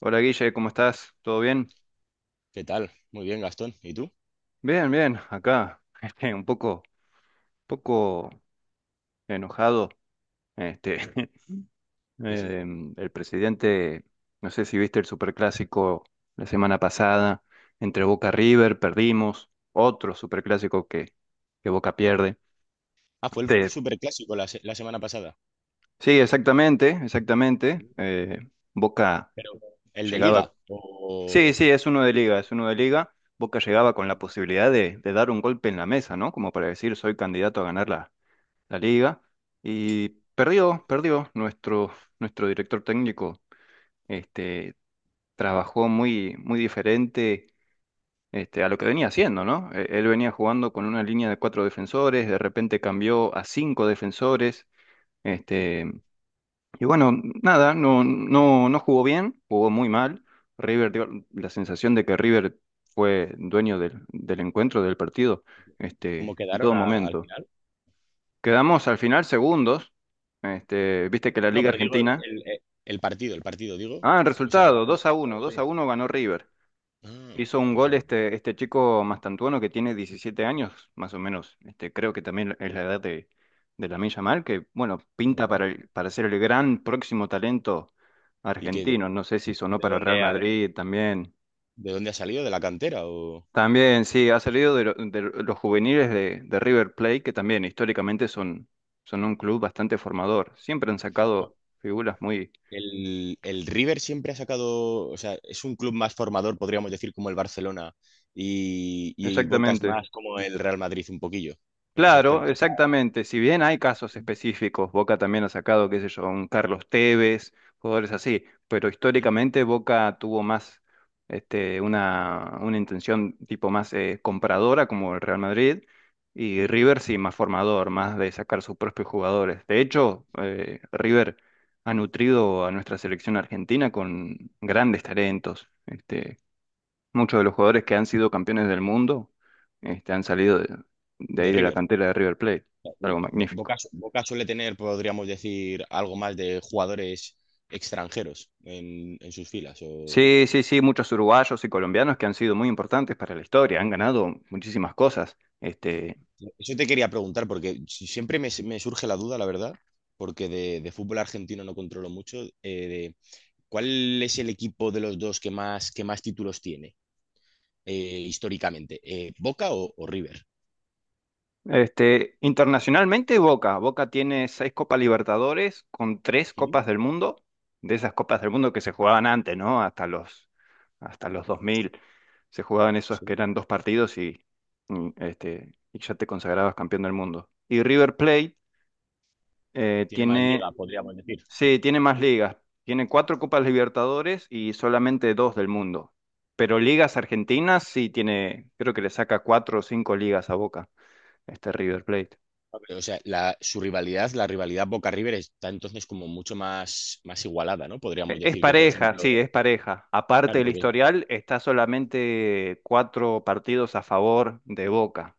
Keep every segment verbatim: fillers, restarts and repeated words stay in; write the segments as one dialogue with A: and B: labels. A: Hola Guille, ¿cómo estás? ¿Todo bien?
B: ¿Qué tal? Muy bien, Gastón. ¿Y tú?
A: Bien, bien, acá. este, un poco, poco enojado. Este,
B: ¿Y eso?
A: em, el presidente, no sé si viste el superclásico la semana pasada, entre Boca River, perdimos, otro superclásico que, que Boca pierde.
B: Ah, fue el
A: Este,
B: superclásico la, se- la semana pasada.
A: sí, exactamente, exactamente. eh, Boca
B: Pero, ¿el de
A: llegaba.
B: Liga?
A: Sí,
B: ¿O
A: sí, es uno de liga, es uno de liga. Boca llegaba con la posibilidad de, de dar un golpe en la mesa, ¿no? Como para decir, soy candidato a ganar la la liga y perdió, perdió nuestro, nuestro director técnico. Este, trabajó muy, muy diferente este, a lo que venía haciendo, ¿no? Eh, Él venía jugando con una línea de cuatro defensores, de repente cambió a cinco defensores.
B: ¿Mm?
A: Este, y bueno, nada, no, no, no jugó bien, jugó muy mal. River dio la sensación de que River fue dueño del, del encuentro, del partido, este,
B: ¿Cómo
A: en
B: quedaron
A: todo
B: a- al
A: momento.
B: final?
A: Quedamos al final segundos. Este, viste que la
B: No,
A: Liga
B: pero digo,
A: Argentina.
B: el, eh, el partido, el partido, digo.
A: Ah, el
B: O sea, lo
A: resultado,
B: ganó.
A: dos a uno dos a
B: Sí.
A: uno ganó River.
B: Ah,
A: Hizo un
B: no
A: gol
B: sabía.
A: este, este chico Mastantuono que tiene diecisiete años, más o menos. Este, creo que también es la edad de, de Lamine Yamal, que bueno,
B: Ah,
A: pinta
B: mira.
A: para, el- para ser el gran próximo talento
B: ¿Y qué,
A: argentino. No sé si sonó
B: de
A: para Real
B: dónde ha,
A: Madrid también.
B: de dónde ha salido? ¿De la cantera? ¿O...?
A: También, sí, ha salido de, lo- de los juveniles de, de River Plate, que también históricamente son, son un club bastante formador. Siempre han sacado figuras muy.
B: El, el River siempre ha sacado, o sea, es un club más formador, podríamos decir, como el Barcelona, y, y Boca es
A: Exactamente.
B: más como el Real Madrid un poquillo, en ese
A: Claro,
B: aspecto.
A: exactamente. Si bien hay casos específicos, Boca también ha sacado, qué sé yo, un Carlos Tevez, jugadores así, pero
B: ¿Mm?
A: históricamente Boca tuvo más este, una, una intención tipo más eh, compradora como el Real Madrid y
B: ¿Mm?
A: River sí, más formador, más de sacar sus propios jugadores. De hecho, eh, River ha nutrido a nuestra selección argentina con grandes talentos. Este, Muchos de los jugadores que han sido campeones del mundo, este, han salido de, de ahí
B: De
A: de la
B: River.
A: cantera de River Plate. Algo
B: Bo-
A: magnífico.
B: Boca, su- Boca suele tener, podríamos decir, algo más de jugadores extranjeros en, en sus filas. O-
A: Sí, sí, sí, muchos uruguayos y colombianos que han sido muy importantes para la historia, han ganado muchísimas cosas. Este,
B: Eso te quería preguntar, porque si- siempre me, me surge la duda, la verdad, porque de, de fútbol argentino no controlo mucho, eh, de cuál es el equipo de los dos que más, que más títulos tiene. Eh, históricamente, eh, Boca o, o River.
A: Este, internacionalmente, Boca. Boca tiene seis Copas Libertadores con tres
B: Sí,
A: Copas del Mundo, de esas Copas del Mundo que se jugaban antes, ¿no? Hasta los, hasta los dos mil se jugaban esos que
B: sí.
A: eran dos partidos y, y, este, y ya te consagrabas campeón del mundo. Y River Plate eh,
B: Tiene más liga,
A: tiene,
B: podríamos decir.
A: sí, tiene más ligas. Tiene cuatro Copas Libertadores y solamente dos del mundo. Pero ligas argentinas sí tiene, creo que le saca cuatro o cinco ligas a Boca, este River Plate.
B: O sea, la- su rivalidad, la rivalidad Boca-River está entonces como mucho más, más igualada, ¿no? Podríamos
A: E- Es
B: decir que, por
A: pareja, sí,
B: ejemplo,
A: es pareja. Aparte
B: claro,
A: del
B: porque... es eso.
A: historial, está solamente cuatro partidos a favor de Boca.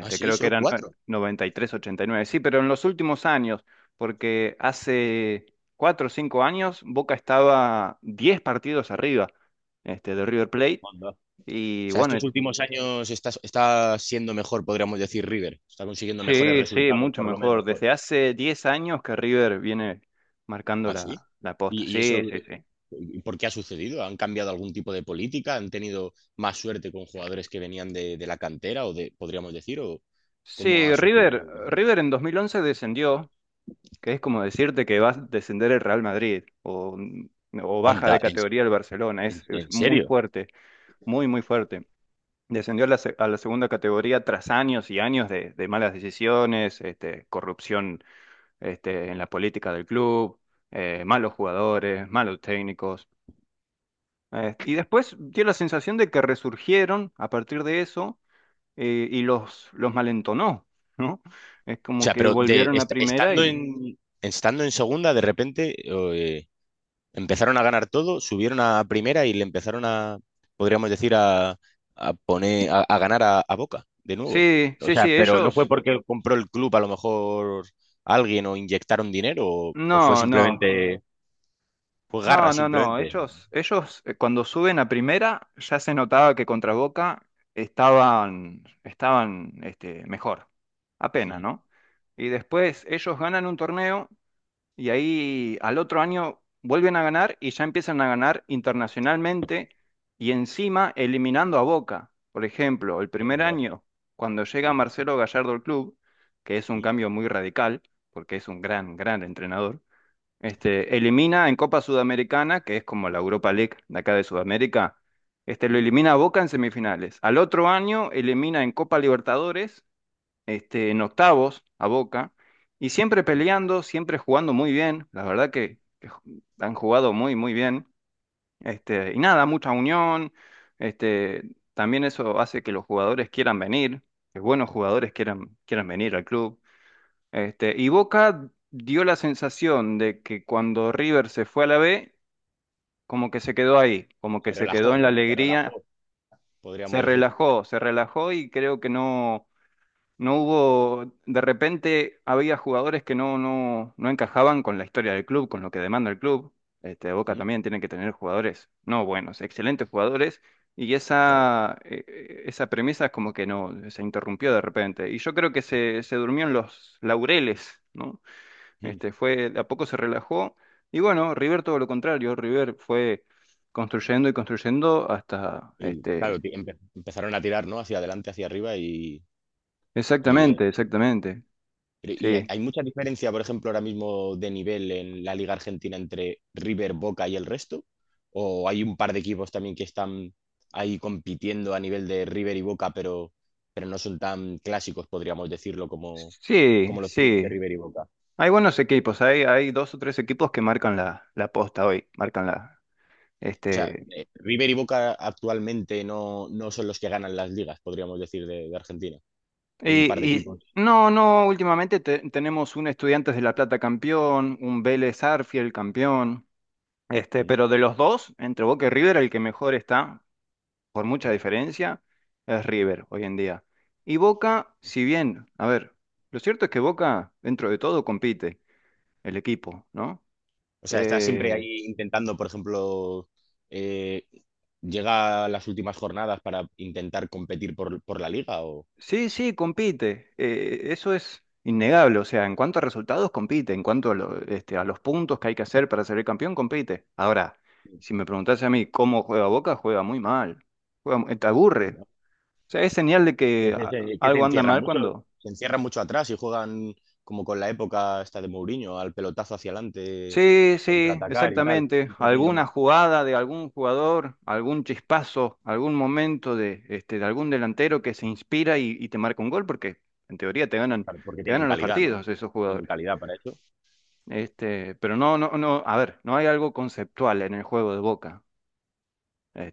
B: Ah, sí,
A: creo que
B: solo
A: eran eh,
B: cuatro.
A: noventa y tres ochenta y nueve, Sí, pero en los últimos años, porque hace cuatro o cinco años Boca estaba diez partidos arriba, este, de River Plate.
B: Onda. O
A: Y
B: sea,
A: bueno,
B: estos últimos años está, está siendo mejor, podríamos decir, River. Está consiguiendo mejores
A: sí, sí,
B: resultados,
A: mucho
B: por lo menos,
A: mejor.
B: pues.
A: Desde hace diez años que River viene marcando
B: Ah, sí.
A: la, la posta.
B: Y, y eso
A: Sí, sí, sí.
B: ¿por qué ha sucedido? ¿Han cambiado algún tipo de política? ¿Han tenido más suerte con jugadores que venían de, de la cantera o de, podríamos decir, o cómo
A: Sí,
B: ha sucedido?
A: River, River en dos mil once descendió que es como decirte que va a descender el Real Madrid o, mm, o baja
B: Onda,
A: de
B: en,
A: categoría el Barcelona.
B: en-
A: Es, es
B: en
A: muy
B: serio.
A: fuerte, muy, muy fuerte. Descendió a la, se- a la segunda categoría tras años y años de, de malas decisiones, este, corrupción este, en la política del club, eh, malos jugadores, malos técnicos. Eh, y después dio la sensación de que resurgieron a partir de eso eh, y los, los malentonó, ¿no? Es
B: O
A: como
B: sea,
A: que
B: pero de,
A: volvieron a
B: est-
A: primera
B: estando
A: y.
B: en, estando en segunda, de repente eh, empezaron a ganar todo, subieron a primera y le empezaron a, podríamos decir, a, a poner, a, a ganar a, a Boca de nuevo.
A: Sí,
B: O
A: sí,
B: sea,
A: sí,
B: pero no fue
A: ellos
B: porque compró el club a lo mejor alguien o inyectaron dinero o o fue
A: No, no,
B: simplemente pues garra,
A: no, no, no.
B: simplemente.
A: Ellos, ellos eh, cuando suben a primera ya se notaba que contra Boca estaban, estaban este, mejor, apenas, ¿no? Y después ellos ganan un torneo y ahí al otro año vuelven a ganar y ya empiezan a ganar internacionalmente y encima eliminando a Boca. Por ejemplo, el primer año, cuando llega
B: Sí, sí.
A: Marcelo Gallardo al club, que es un
B: Mm,
A: cambio muy radical, porque es un gran, gran entrenador. Este, elimina en Copa Sudamericana, que es como la Europa League de acá de Sudamérica, este, lo
B: mm,
A: elimina a Boca en semifinales. Al otro año elimina en Copa Libertadores, este, en octavos a Boca, y siempre
B: mm.
A: peleando, siempre jugando muy bien. La verdad que, que ju- han jugado muy, muy bien. Este, y nada, mucha unión. Este, también eso hace que los jugadores quieran venir, que buenos jugadores quieran, quieran venir al club. Este, y Boca dio la sensación de que cuando River se fue a la B, como que se quedó ahí, como que
B: Se
A: se quedó
B: relajó,
A: en la
B: ¿no? Se
A: alegría,
B: relajó, podríamos
A: se
B: decir.
A: relajó, se relajó y creo que no, no hubo, de repente había jugadores que no, no, no encajaban con la historia del club, con lo que demanda el club. Este, Boca
B: Mm,
A: también tiene que tener jugadores, no buenos, excelentes jugadores, y
B: claro.
A: esa, eh, eh, esa premisa es como que no, se interrumpió de repente. Y yo creo que se, se durmió en los laureles, ¿no?
B: Mm.
A: Este, fue, a poco se relajó. Y bueno, River todo lo contrario. River fue construyendo y construyendo hasta,
B: Y
A: este,
B: claro, ti- empe- empezaron a tirar, ¿no? Hacia adelante, hacia arriba y, y, eh,
A: exactamente, exactamente.
B: pero- y hay,
A: Sí,
B: hay mucha diferencia, por ejemplo, ahora mismo de nivel en la Liga Argentina entre River, Boca y el resto. ¿O hay un par de equipos también que están ahí compitiendo a nivel de River y Boca, pero, pero no son tan clásicos, podríamos decirlo, como,
A: sí,
B: como los clubes de
A: sí.
B: River y Boca?
A: Hay buenos equipos. Hay, hay dos o tres equipos que marcan la, la posta hoy. Marcan la,
B: O sea,
A: este.
B: eh, River y Boca actualmente no, no son los que ganan las ligas, podríamos decir, de, de Argentina. Hay un par de
A: Y, y
B: equipos.
A: no, no, últimamente te- tenemos un Estudiantes de La Plata campeón, un Vélez Arfiel campeón. Este,
B: Mm,
A: pero de los dos, entre Boca y River, el que mejor está, por mucha
B: mm.
A: diferencia, es River hoy en día. Y Boca, si bien, a ver, lo cierto es que Boca, dentro de todo, compite el equipo, ¿no?
B: O sea, está siempre
A: Eh,
B: ahí intentando, por ejemplo, eh, llega a las últimas jornadas para intentar competir por, por la liga o
A: sí, sí, compite. eh, eso es innegable. O sea, en cuanto a resultados, compite. En cuanto a, lo- este, a los puntos que hay que hacer para ser el campeón, compite. Ahora, si me preguntase a mí cómo juega Boca, juega muy mal. Juega, mu- te aburre.
B: ¿no?
A: O sea, es señal de que
B: Es
A: a-
B: ese- que se
A: algo anda
B: encierran
A: mal.
B: mucho,
A: cuando
B: se encierran mucho atrás y juegan como con la época esta de Mourinho, al pelotazo hacia adelante,
A: Sí, sí,
B: contraatacar y tal.
A: exactamente.
B: Un poquillo
A: Alguna
B: más.
A: jugada de algún jugador, algún chispazo, algún momento de, este, de algún delantero que se inspira y, y te marca un gol, porque en teoría te ganan,
B: Claro, porque
A: te
B: tienen
A: ganan los
B: calidad, ¿no?
A: partidos esos
B: Tienen
A: jugadores.
B: calidad para eso.
A: Este, pero no, no, no, a ver, no hay algo conceptual en el juego de Boca.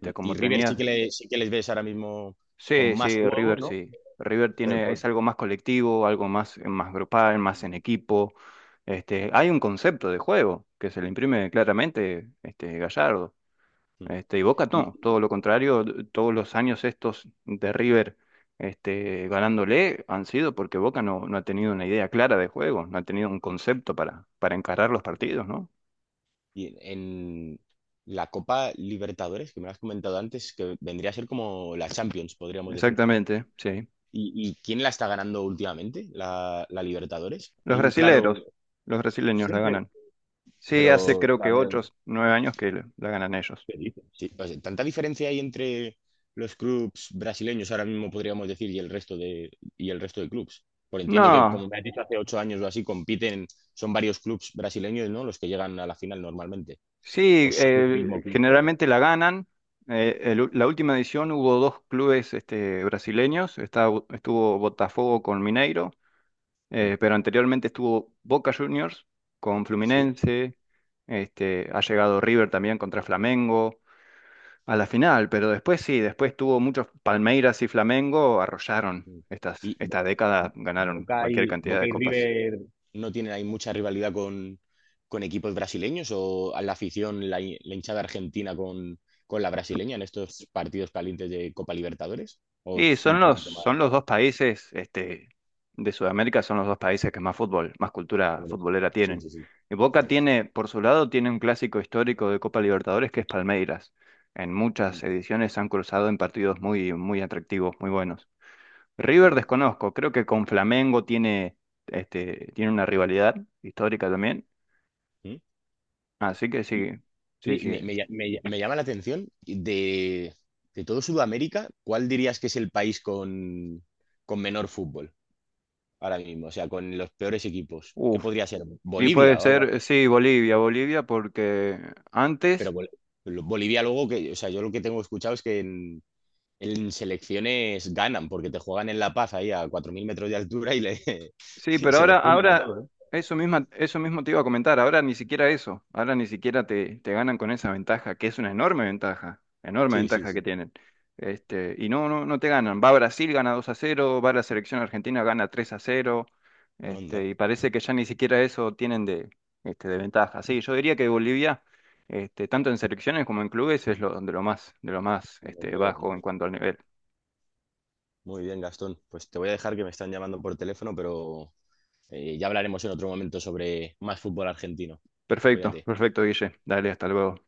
B: Mm. Y
A: como
B: River
A: tenías.
B: sí que, le- sí que les ves ahora mismo con
A: Sí,
B: más
A: sí,
B: juego,
A: River
B: ¿no?
A: sí. River
B: Pero
A: tiene,
B: po-
A: es algo más colectivo, algo más, más grupal, más en equipo. Este, hay un concepto de juego que se le imprime claramente, este, Gallardo.
B: Mm.
A: Este, y Boca
B: Y,
A: no, todo lo contrario, todos los años estos de River este, ganándole han sido porque Boca no, no ha tenido una idea clara de juego, no ha tenido un concepto para, para encarar los partidos, ¿no?
B: y en la Copa Libertadores, que me lo has comentado antes, que vendría a ser como la Champions, podríamos decir.
A: Exactamente, sí.
B: ¿Y, y quién la está ganando últimamente? La, la Libertadores.
A: Los
B: Hay un claro
A: brasileros, los brasileños la
B: siempre,
A: ganan. Sí, hace
B: pero o
A: creo
B: sea,
A: que ocho, nueve años que la ganan ellos.
B: ¿qué dices? Sí, o sea, ¿tanta diferencia hay entre los clubs brasileños ahora mismo, podríamos decir, y el resto de, y el resto de clubs? Por entiendo que,
A: No,
B: como me has dicho, hace ocho años o así compiten, son varios clubs brasileños, ¿no? Los que llegan a la final normalmente. O
A: sí,
B: es un
A: eh,
B: mismo club solo.
A: generalmente la ganan. Eh, el la última edición hubo dos clubes este, brasileños, está- estuvo Botafogo con Mineiro.
B: Mm,
A: Eh, pero anteriormente estuvo Boca Juniors con
B: sí.
A: Fluminense, este, ha llegado River también contra Flamengo a la final, pero después sí, después tuvo muchos Palmeiras y Flamengo, arrollaron
B: Mm.
A: estas,
B: Y,
A: esta década, ganaron
B: Boca
A: cualquier
B: y,
A: cantidad
B: Boca
A: de
B: y
A: copas.
B: River no tienen ahí mucha rivalidad con, con equipos brasileños o a la afición, la, hi- la hinchada argentina con, con la brasileña en estos partidos calientes de Copa Libertadores? ¿O
A: Y
B: es un
A: son los,
B: poquito más?
A: son los dos países, este, de Sudamérica son los dos países que más fútbol, más cultura futbolera
B: Sí,
A: tienen.
B: sí, sí.
A: Y
B: A
A: Boca
B: ver.
A: tiene, por su lado, tiene un clásico histórico de Copa Libertadores que es Palmeiras. En
B: Mm,
A: muchas ediciones se han cruzado en partidos muy, muy atractivos, muy buenos.
B: mm,
A: River desconozco, creo que con Flamengo tiene, este, tiene una rivalidad histórica también.
B: mm.
A: Así que
B: Y,
A: sí, sí,
B: y
A: sí.
B: me, me lla- me lla- me llama la atención de, de todo Sudamérica, ¿cuál dirías que es el país con, con menor fútbol ahora mismo? O sea, con los peores equipos. ¿Qué
A: Uf.
B: podría ser?
A: Y puede
B: ¿Bolivia o algo
A: ser, sí, Bolivia, Bolivia, porque
B: pero
A: antes
B: Bol- Bolivia luego, que, o sea, yo lo que tengo escuchado es que en, en selecciones ganan, porque te juegan en La Paz ahí a cuatro mil metros de altura y, le,
A: Sí,
B: y
A: pero
B: se los
A: ahora,
B: funden a
A: ahora,
B: todos, ¿eh?
A: eso misma, eso mismo te iba a comentar, ahora ni siquiera eso, ahora ni siquiera te, te ganan con esa ventaja, que es una enorme ventaja, enorme
B: Sí, sí,
A: ventaja que
B: sí.
A: tienen. Este, y no, no, no te ganan. Va Brasil, gana dos a cero. va la selección argentina, gana tres a cero. este,
B: Onda.
A: y parece que ya ni siquiera eso tienen de, este, de ventaja. Sí, yo diría que Bolivia, este, tanto en selecciones como en clubes, es lo, de lo más, de lo más,
B: Lo
A: este,
B: peor, ¿no?
A: bajo en cuanto al nivel.
B: Muy bien, Gastón. Pues te voy a dejar que me están llamando por teléfono, pero eh, ya hablaremos en otro momento sobre más fútbol argentino.
A: Perfecto,
B: Cuídate.
A: perfecto, Guille. Dale, hasta luego.